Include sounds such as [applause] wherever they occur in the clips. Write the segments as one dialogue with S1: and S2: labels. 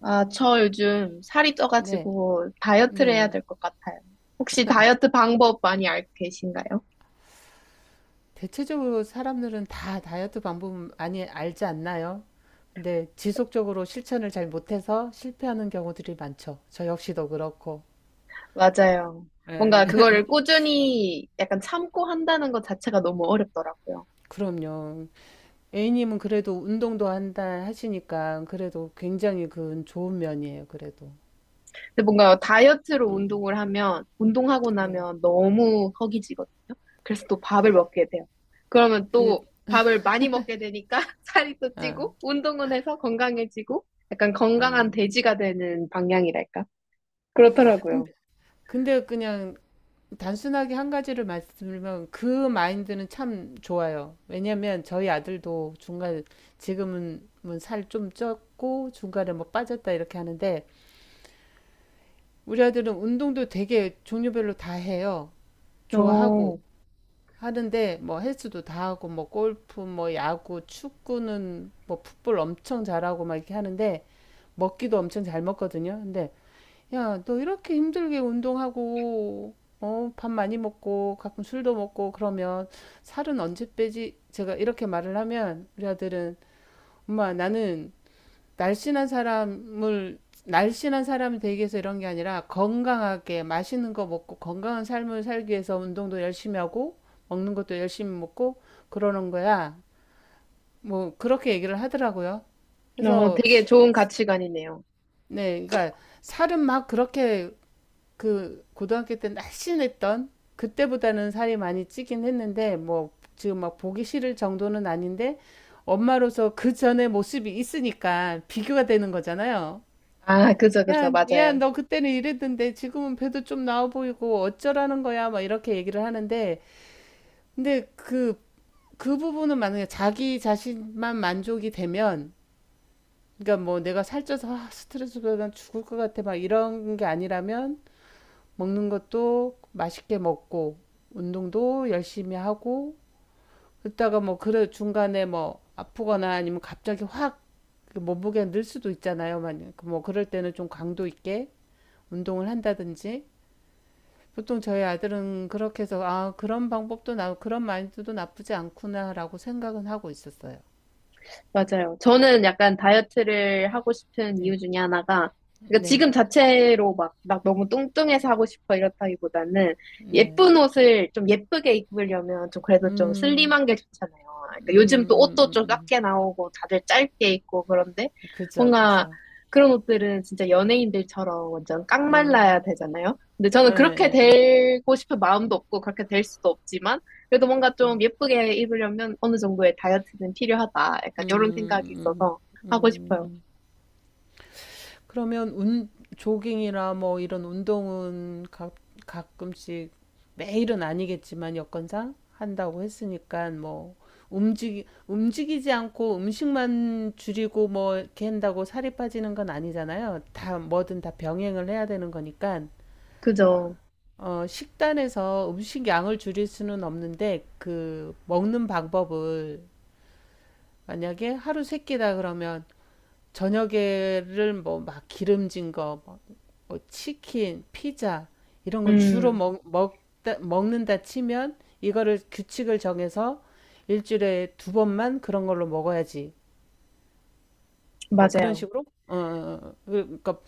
S1: 아, 저 요즘 살이
S2: 네,
S1: 쪄가지고 다이어트를 해야
S2: 네네.
S1: 될 것 같아요. 혹시 다이어트 방법 많이 알고 계신가요?
S2: 대체적으로 사람들은 다 다이어트 방법 많이 알지 않나요? 근데 지속적으로 실천을 잘 못해서 실패하는 경우들이 많죠. 저 역시도 그렇고.
S1: 맞아요. 뭔가
S2: 예.
S1: 그거를
S2: [laughs]
S1: 꾸준히 약간 참고 한다는 것 자체가 너무 어렵더라고요.
S2: 그럼요. A님은 그래도 운동도 한다 하시니까 그래도 굉장히 그건 좋은 면이에요. 그래도.
S1: 근데 뭔가 다이어트로 운동을 하면, 운동하고
S2: 네.
S1: 나면 너무 허기지거든요. 그래서 또 밥을 먹게 돼요. 그러면
S2: 그,
S1: 또 밥을 많이 먹게 되니까 [laughs] 살이 또
S2: 아,
S1: 찌고, 운동은 해서 건강해지고, 약간 건강한
S2: 음.
S1: 돼지가 되는 방향이랄까? 그렇더라고요.
S2: 근데, 근데 그냥 단순하게 한 가지를 말씀드리면 그 마인드는 참 좋아요. 왜냐면 저희 아들도 중간 지금은 뭐 살좀 쪘고 중간에 뭐 빠졌다 이렇게 하는데 우리 아들은 운동도 되게 종류별로 다 해요. 좋아하고
S1: 어,
S2: 하는데 뭐 헬스도 다 하고 뭐 골프 뭐 야구 축구는 뭐 풋볼 엄청 잘하고 막 이렇게 하는데 먹기도 엄청 잘 먹거든요. 근데 야, 너 이렇게 힘들게 운동하고, 어, 밥 많이 먹고, 가끔 술도 먹고, 그러면 살은 언제 빼지? 제가 이렇게 말을 하면 우리 아들은, 엄마, 나는 날씬한 사람을, 날씬한 사람이 되기 위해서 이런 게 아니라 건강하게 맛있는 거 먹고 건강한 삶을 살기 위해서 운동도 열심히 하고, 먹는 것도 열심히 먹고, 그러는 거야. 뭐, 그렇게 얘기를 하더라고요.
S1: 어,
S2: 그래서,
S1: 되게 좋은 가치관이네요.
S2: 네, 그러니까 살은 막 그렇게 그 고등학교 때 날씬했던 그때보다는 살이 많이 찌긴 했는데 뭐 지금 막 보기 싫을 정도는 아닌데 엄마로서 그 전에 모습이 있으니까 비교가 되는 거잖아요.
S1: 아, 그죠, 그죠.
S2: 야, 야,
S1: 맞아요.
S2: 너 그때는 이랬는데 지금은 배도 좀 나와 보이고 어쩌라는 거야? 막 이렇게 얘기를 하는데 근데 그 부분은 만약에 자기 자신만 만족이 되면 그러니까 뭐 내가 살쪄서 아, 스트레스 받아 죽을 것 같아 막 이런 게 아니라면 먹는 것도 맛있게 먹고 운동도 열심히 하고 그러다가 뭐 그래 중간에 뭐 아프거나 아니면 갑자기 확 그 몸무게가 늘 수도 있잖아요. 만약 뭐 그럴 때는 좀 강도 있게 운동을 한다든지 보통 저희 아들은 그렇게 해서 아 그런 방법도 나 그런 마인드도 나쁘지 않구나라고 생각은 하고 있었어요.
S1: 맞아요. 저는 약간 다이어트를 하고 싶은 이유
S2: 네,
S1: 중에 하나가, 그러니까
S2: 네,
S1: 지금 자체로 막 너무 뚱뚱해서 하고 싶어 이렇다기보다는
S2: 네.
S1: 예쁜 옷을 좀 예쁘게 입으려면 좀 그래도 좀
S2: 음,
S1: 슬림한 게 좋잖아요.
S2: 음,
S1: 그러니까 요즘 또
S2: 음,
S1: 옷도
S2: 음,
S1: 좀
S2: 음.
S1: 작게 나오고 다들 짧게 입고 그런데
S2: 그죠,
S1: 뭔가
S2: 그죠.
S1: 그런 옷들은 진짜 연예인들처럼 완전 깡말라야
S2: 음,
S1: 되잖아요. 근데
S2: 예,
S1: 저는 그렇게
S2: 예, 예.
S1: 되고 싶은 마음도 없고 그렇게 될 수도 없지만 그래도 뭔가 좀 예쁘게 입으려면 어느 정도의 다이어트는 필요하다. 약간 이런 생각이 있어서 하고 싶어요.
S2: 그러면 조깅이나 뭐 이런 운동은 가끔씩 매일은 아니겠지만 여건상 한다고 했으니까 뭐 움직이지 않고 음식만 줄이고 뭐 이렇게 한다고 살이 빠지는 건 아니잖아요. 다 뭐든 다 병행을 해야 되는 거니까
S1: 그죠?
S2: 어, 식단에서 음식 양을 줄일 수는 없는데 그 먹는 방법을 만약에 하루 세 끼다 그러면 저녁에를 뭐 막 기름진 거, 뭐, 뭐 치킨, 피자 이런 걸 주로
S1: 음,
S2: 먹는다 치면 이거를 규칙을 정해서 일주일에 두 번만 그런 걸로 먹어야지. 뭐 그런
S1: 맞아요.
S2: 식으로. 어, 어, 어. 그러니까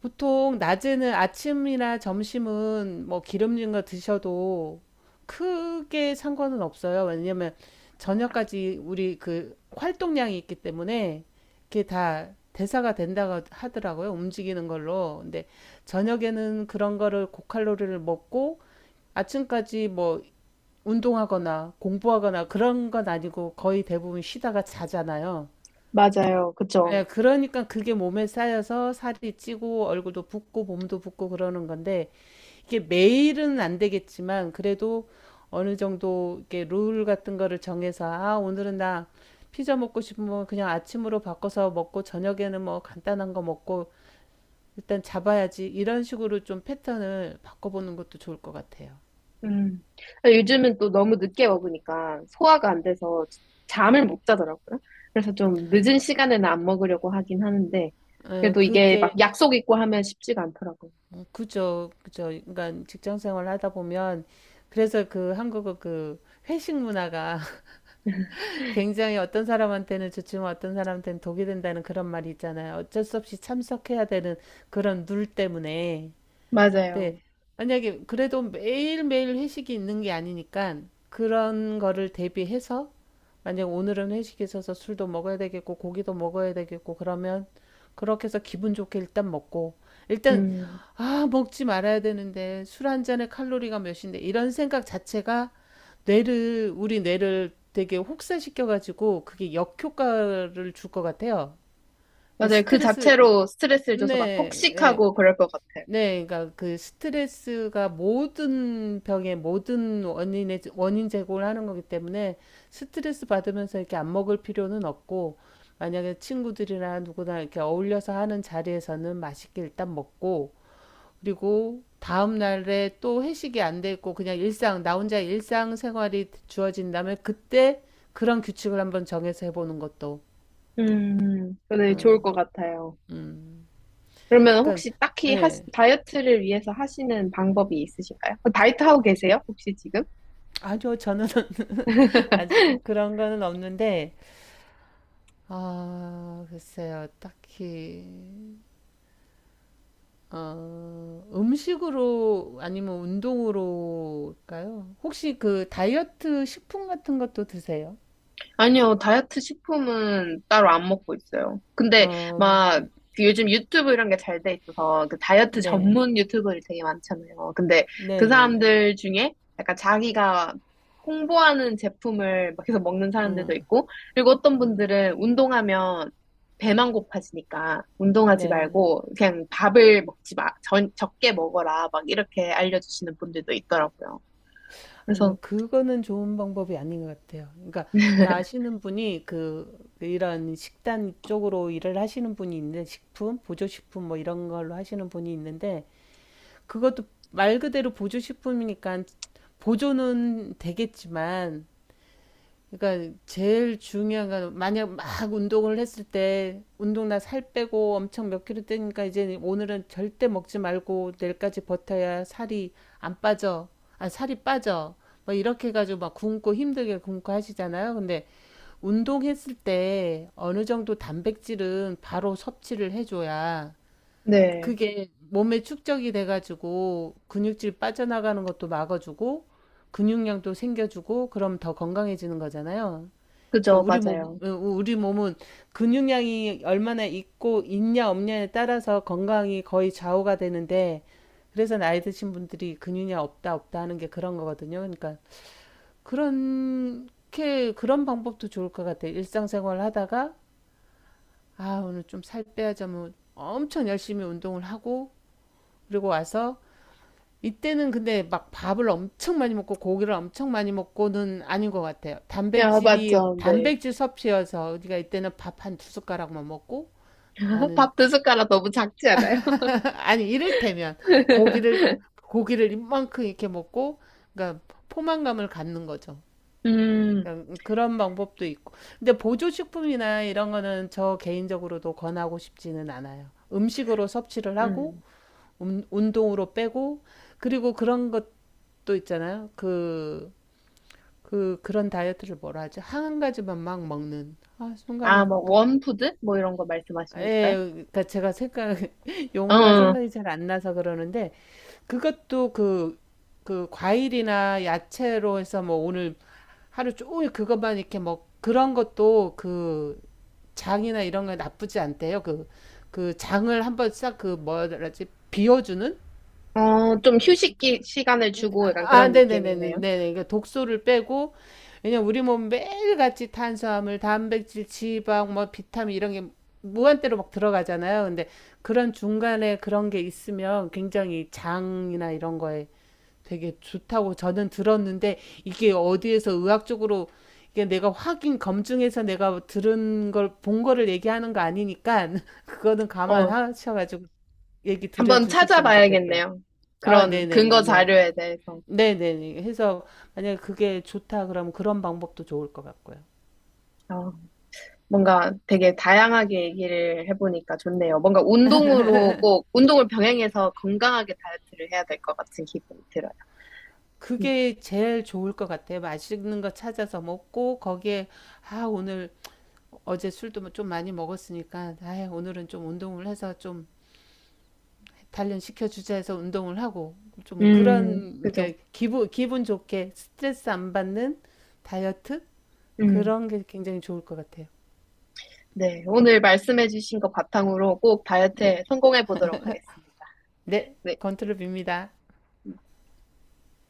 S2: 보통 낮에는 아침이나 점심은 뭐 기름진 거 드셔도 크게 상관은 없어요. 왜냐면 저녁까지 우리 그 활동량이 있기 때문에 그게 다 대사가 된다고 하더라고요. 움직이는 걸로. 근데 저녁에는 그런 거를 고칼로리를 먹고 아침까지 뭐 운동하거나 공부하거나 그런 건 아니고 거의 대부분 쉬다가 자잖아요.
S1: 맞아요. 그죠?
S2: 예, 그러니까 그게 몸에 쌓여서 살이 찌고 얼굴도 붓고 몸도 붓고 그러는 건데 이게 매일은 안 되겠지만 그래도 어느 정도 이렇게 룰 같은 거를 정해서 아, 오늘은 나 피자 먹고 싶으면 그냥 아침으로 바꿔서 먹고 저녁에는 뭐 간단한 거 먹고 일단 잡아야지 이런 식으로 좀 패턴을 바꿔보는 것도 좋을 것 같아요.
S1: 음. 요즘은 또 너무 늦게 먹으니까 소화가 안 돼서 잠을 못 자더라고요. 그래서 좀 늦은 시간에는 안 먹으려고 하긴 하는데,
S2: 예,
S1: 그래도 이게
S2: 그게
S1: 막 약속 있고 하면 쉽지가 않더라고요.
S2: 어, 그죠, 그죠. 그러니까 직장 생활 하다 보면 그래서 그 한국어 그 회식 문화가 굉장히 어떤 사람한테는 좋지만 어떤 사람한테는 독이 된다는 그런 말이 있잖아요. 어쩔 수 없이 참석해야 되는 그런 룰 때문에. 근데
S1: 맞아요.
S2: 만약에 그래도 매일매일 회식이 있는 게 아니니까 그런 거를 대비해서 만약 오늘은 회식이 있어서 술도 먹어야 되겠고 고기도 먹어야 되겠고 그러면 그렇게 해서 기분 좋게 일단 먹고 일단
S1: 음,
S2: 아 먹지 말아야 되는데 술 한 잔에 칼로리가 몇인데 이런 생각 자체가 뇌를 우리 뇌를 되게 혹사시켜 가지고 그게 역효과를 줄 것 같아요. 그러니까
S1: 맞아요. 그
S2: 스트레스
S1: 자체로 스트레스를 줘서 막
S2: 네, 예.
S1: 폭식하고 그럴 것 같아요.
S2: 네, 그러니까 그 스트레스가 모든 병의 모든 원인의 원인 제공을 하는 거기 때문에 스트레스 받으면서 이렇게 안 먹을 필요는 없고 만약에 친구들이나 누구나 이렇게 어울려서 하는 자리에서는 맛있게 일단 먹고 그리고 다음 날에 또 회식이 안 돼 있고 그냥 일상 나 혼자 일상 생활이 주어진다면 그때 그런 규칙을 한번 정해서 해보는 것도
S1: 근데 좋을 것
S2: 음,
S1: 같아요.
S2: 음.
S1: 그러면
S2: 그러니까
S1: 혹시 딱히
S2: 예.
S1: 다이어트를 위해서 하시는 방법이 있으신가요? 그 다이어트 하고 계세요? 혹시 지금?
S2: 아니요, 저는 [laughs] 아직 그런 거는 없는데 아, 글쎄요. 딱히, 어, 음식으로 아니면 운동으로일까요? 혹시 그 다이어트 식품 같은 것도 드세요?
S1: 아니요, 다이어트 식품은 따로 안 먹고 있어요. 근데
S2: 어,
S1: 막그 요즘 유튜브 이런 게 잘 돼 있어서 그 다이어트
S2: 네.
S1: 전문 유튜버들 되게 많잖아요. 근데 그
S2: 네네네.
S1: 사람들 중에 약간 자기가 홍보하는 제품을 막 계속 먹는 사람들도 있고, 그리고 어떤 분들은 운동하면 배만 고파지니까 운동하지
S2: 네.
S1: 말고 그냥 밥을 먹지 마, 적게 먹어라, 막 이렇게 알려주시는 분들도 있더라고요.
S2: 아니요,
S1: 그래서,
S2: 그거는 좋은 방법이 아닌 것 같아요. 그러니까, 나시는 분이 그, 이런 식단 쪽으로 일을 하시는 분이 있는데, 식품, 보조식품 뭐 이런 걸로 하시는 분이 있는데, 그것도 말 그대로 보조식품이니까 보조는 되겠지만, 그러니까 제일 중요한 건 만약 막 운동을 했을 때 운동 나 살 빼고 엄청 몇 킬로 떼니까 이제 오늘은 절대 먹지 말고 내일까지 버텨야 살이 안 빠져. 아, 살이 빠져. 뭐 이렇게 해가지고 막 굶고 힘들게 굶고 하시잖아요. 근데 운동했을 때 어느 정도 단백질은 바로 섭취를 해줘야
S1: 네,
S2: 그게 몸에 축적이 돼가지고 근육질 빠져나가는 것도 막아주고 근육량도 생겨주고 그럼 더 건강해지는 거잖아요.
S1: 그죠,
S2: 그러니까 우리 몸,
S1: 맞아요.
S2: 어, 우리 몸은 근육량이 얼마나 있고 있냐 없냐에 따라서 건강이 거의 좌우가 되는데 그래서 나이 드신 분들이 근육량 없다 없다 하는 게 그런 거거든요. 그러니까 그렇게 그런 방법도 좋을 것 같아요. 일상생활 하다가 아 오늘 좀 살 빼야지 하면 엄청 열심히 운동을 하고 그리고 와서 이때는 근데 막 밥을 엄청 많이 먹고 고기를 엄청 많이 먹고는 아닌 것 같아요.
S1: 야,
S2: 단백질이
S1: 맞죠, 네.
S2: 단백질 섭취여서 우리가 이때는 밥 한 두 숟가락만 먹고
S1: [laughs]
S2: 나는
S1: 밥 두 숟가락 너무 작지 않아요?
S2: [laughs] 아니 이를테면
S1: [laughs]
S2: 고기를 고기를 이만큼 이렇게 먹고 그러니까 포만감을 갖는 거죠.
S1: 음,
S2: 그러니까 그런 방법도 있고. 근데 보조식품이나 이런 거는 저 개인적으로도 권하고 싶지는 않아요. 음식으로 섭취를 하고
S1: 음.
S2: 운동으로 빼고 그리고 그런 것도 있잖아요. 그 그런 다이어트를 뭐라 하죠? 한 가지만 막 먹는. 아,
S1: 아,
S2: 순간에
S1: 뭐, 원푸드? 뭐 이런 거 말씀하시는
S2: 예,
S1: 건가요?
S2: 그러니까 제가 생각 [laughs] 용어가
S1: 어,
S2: 생각이 잘 안 나서 그러는데 그것도 그 과일이나 야채로 해서 뭐 오늘 하루 종일 그것만 이렇게 먹 그런 것도 그 장이나 이런 거 나쁘지 않대요. 그 장을 한번 싹 그 뭐라지 비워주는
S1: 어, 좀 휴식기 시간을 주고 약간
S2: 아,
S1: 그런
S2: 네네네네.
S1: 느낌이네요.
S2: 네네. 그러니까 독소를 빼고, 왜냐면 우리 몸 매일같이 탄수화물, 단백질, 지방, 뭐 비타민 이런 게 무한대로 막 들어가잖아요. 근데 그런 중간에 그런 게 있으면 굉장히 장이나 이런 거에 되게 좋다고 저는 들었는데 이게 어디에서 의학적으로 이게 내가 확인 검증해서 내가 들은 걸 본 거를 얘기하는 거 아니니까 [laughs] 그거는
S1: 어,
S2: 감안하셔가지고 얘기
S1: 한번
S2: 드려주셨으면 좋겠어요.
S1: 찾아봐야겠네요.
S2: 아,
S1: 그런 근거
S2: 네네네네.
S1: 자료에 대해서.
S2: 네네네. 해서 만약에 그게 좋다 그러면 그런 방법도 좋을 것 같고요.
S1: 어, 뭔가 되게 다양하게 얘기를 해보니까 좋네요. 뭔가 운동으로 꼭, 운동을 병행해서 건강하게 다이어트를 해야 될 것 같은 기분이 들어요. 음,
S2: 그게 제일 좋을 것 같아요. 맛있는 거 찾아서 먹고 거기에 아 오늘 어제 술도 뭐 좀 많이 먹었으니까 아 오늘은 좀 운동을 해서 좀 단련시켜 주자 해서 운동을 하고 좀 그런
S1: 그죠.
S2: 그 기분 좋게 스트레스 안 받는 다이어트
S1: 음.
S2: 그런 게 굉장히 좋을 것 같아요.
S1: 네, 오늘 말씀해주신 거 바탕으로 꼭
S2: 네.
S1: 다이어트에 성공해 보도록 하겠습니다.
S2: 네.
S1: 네.
S2: 건투를 빕니다.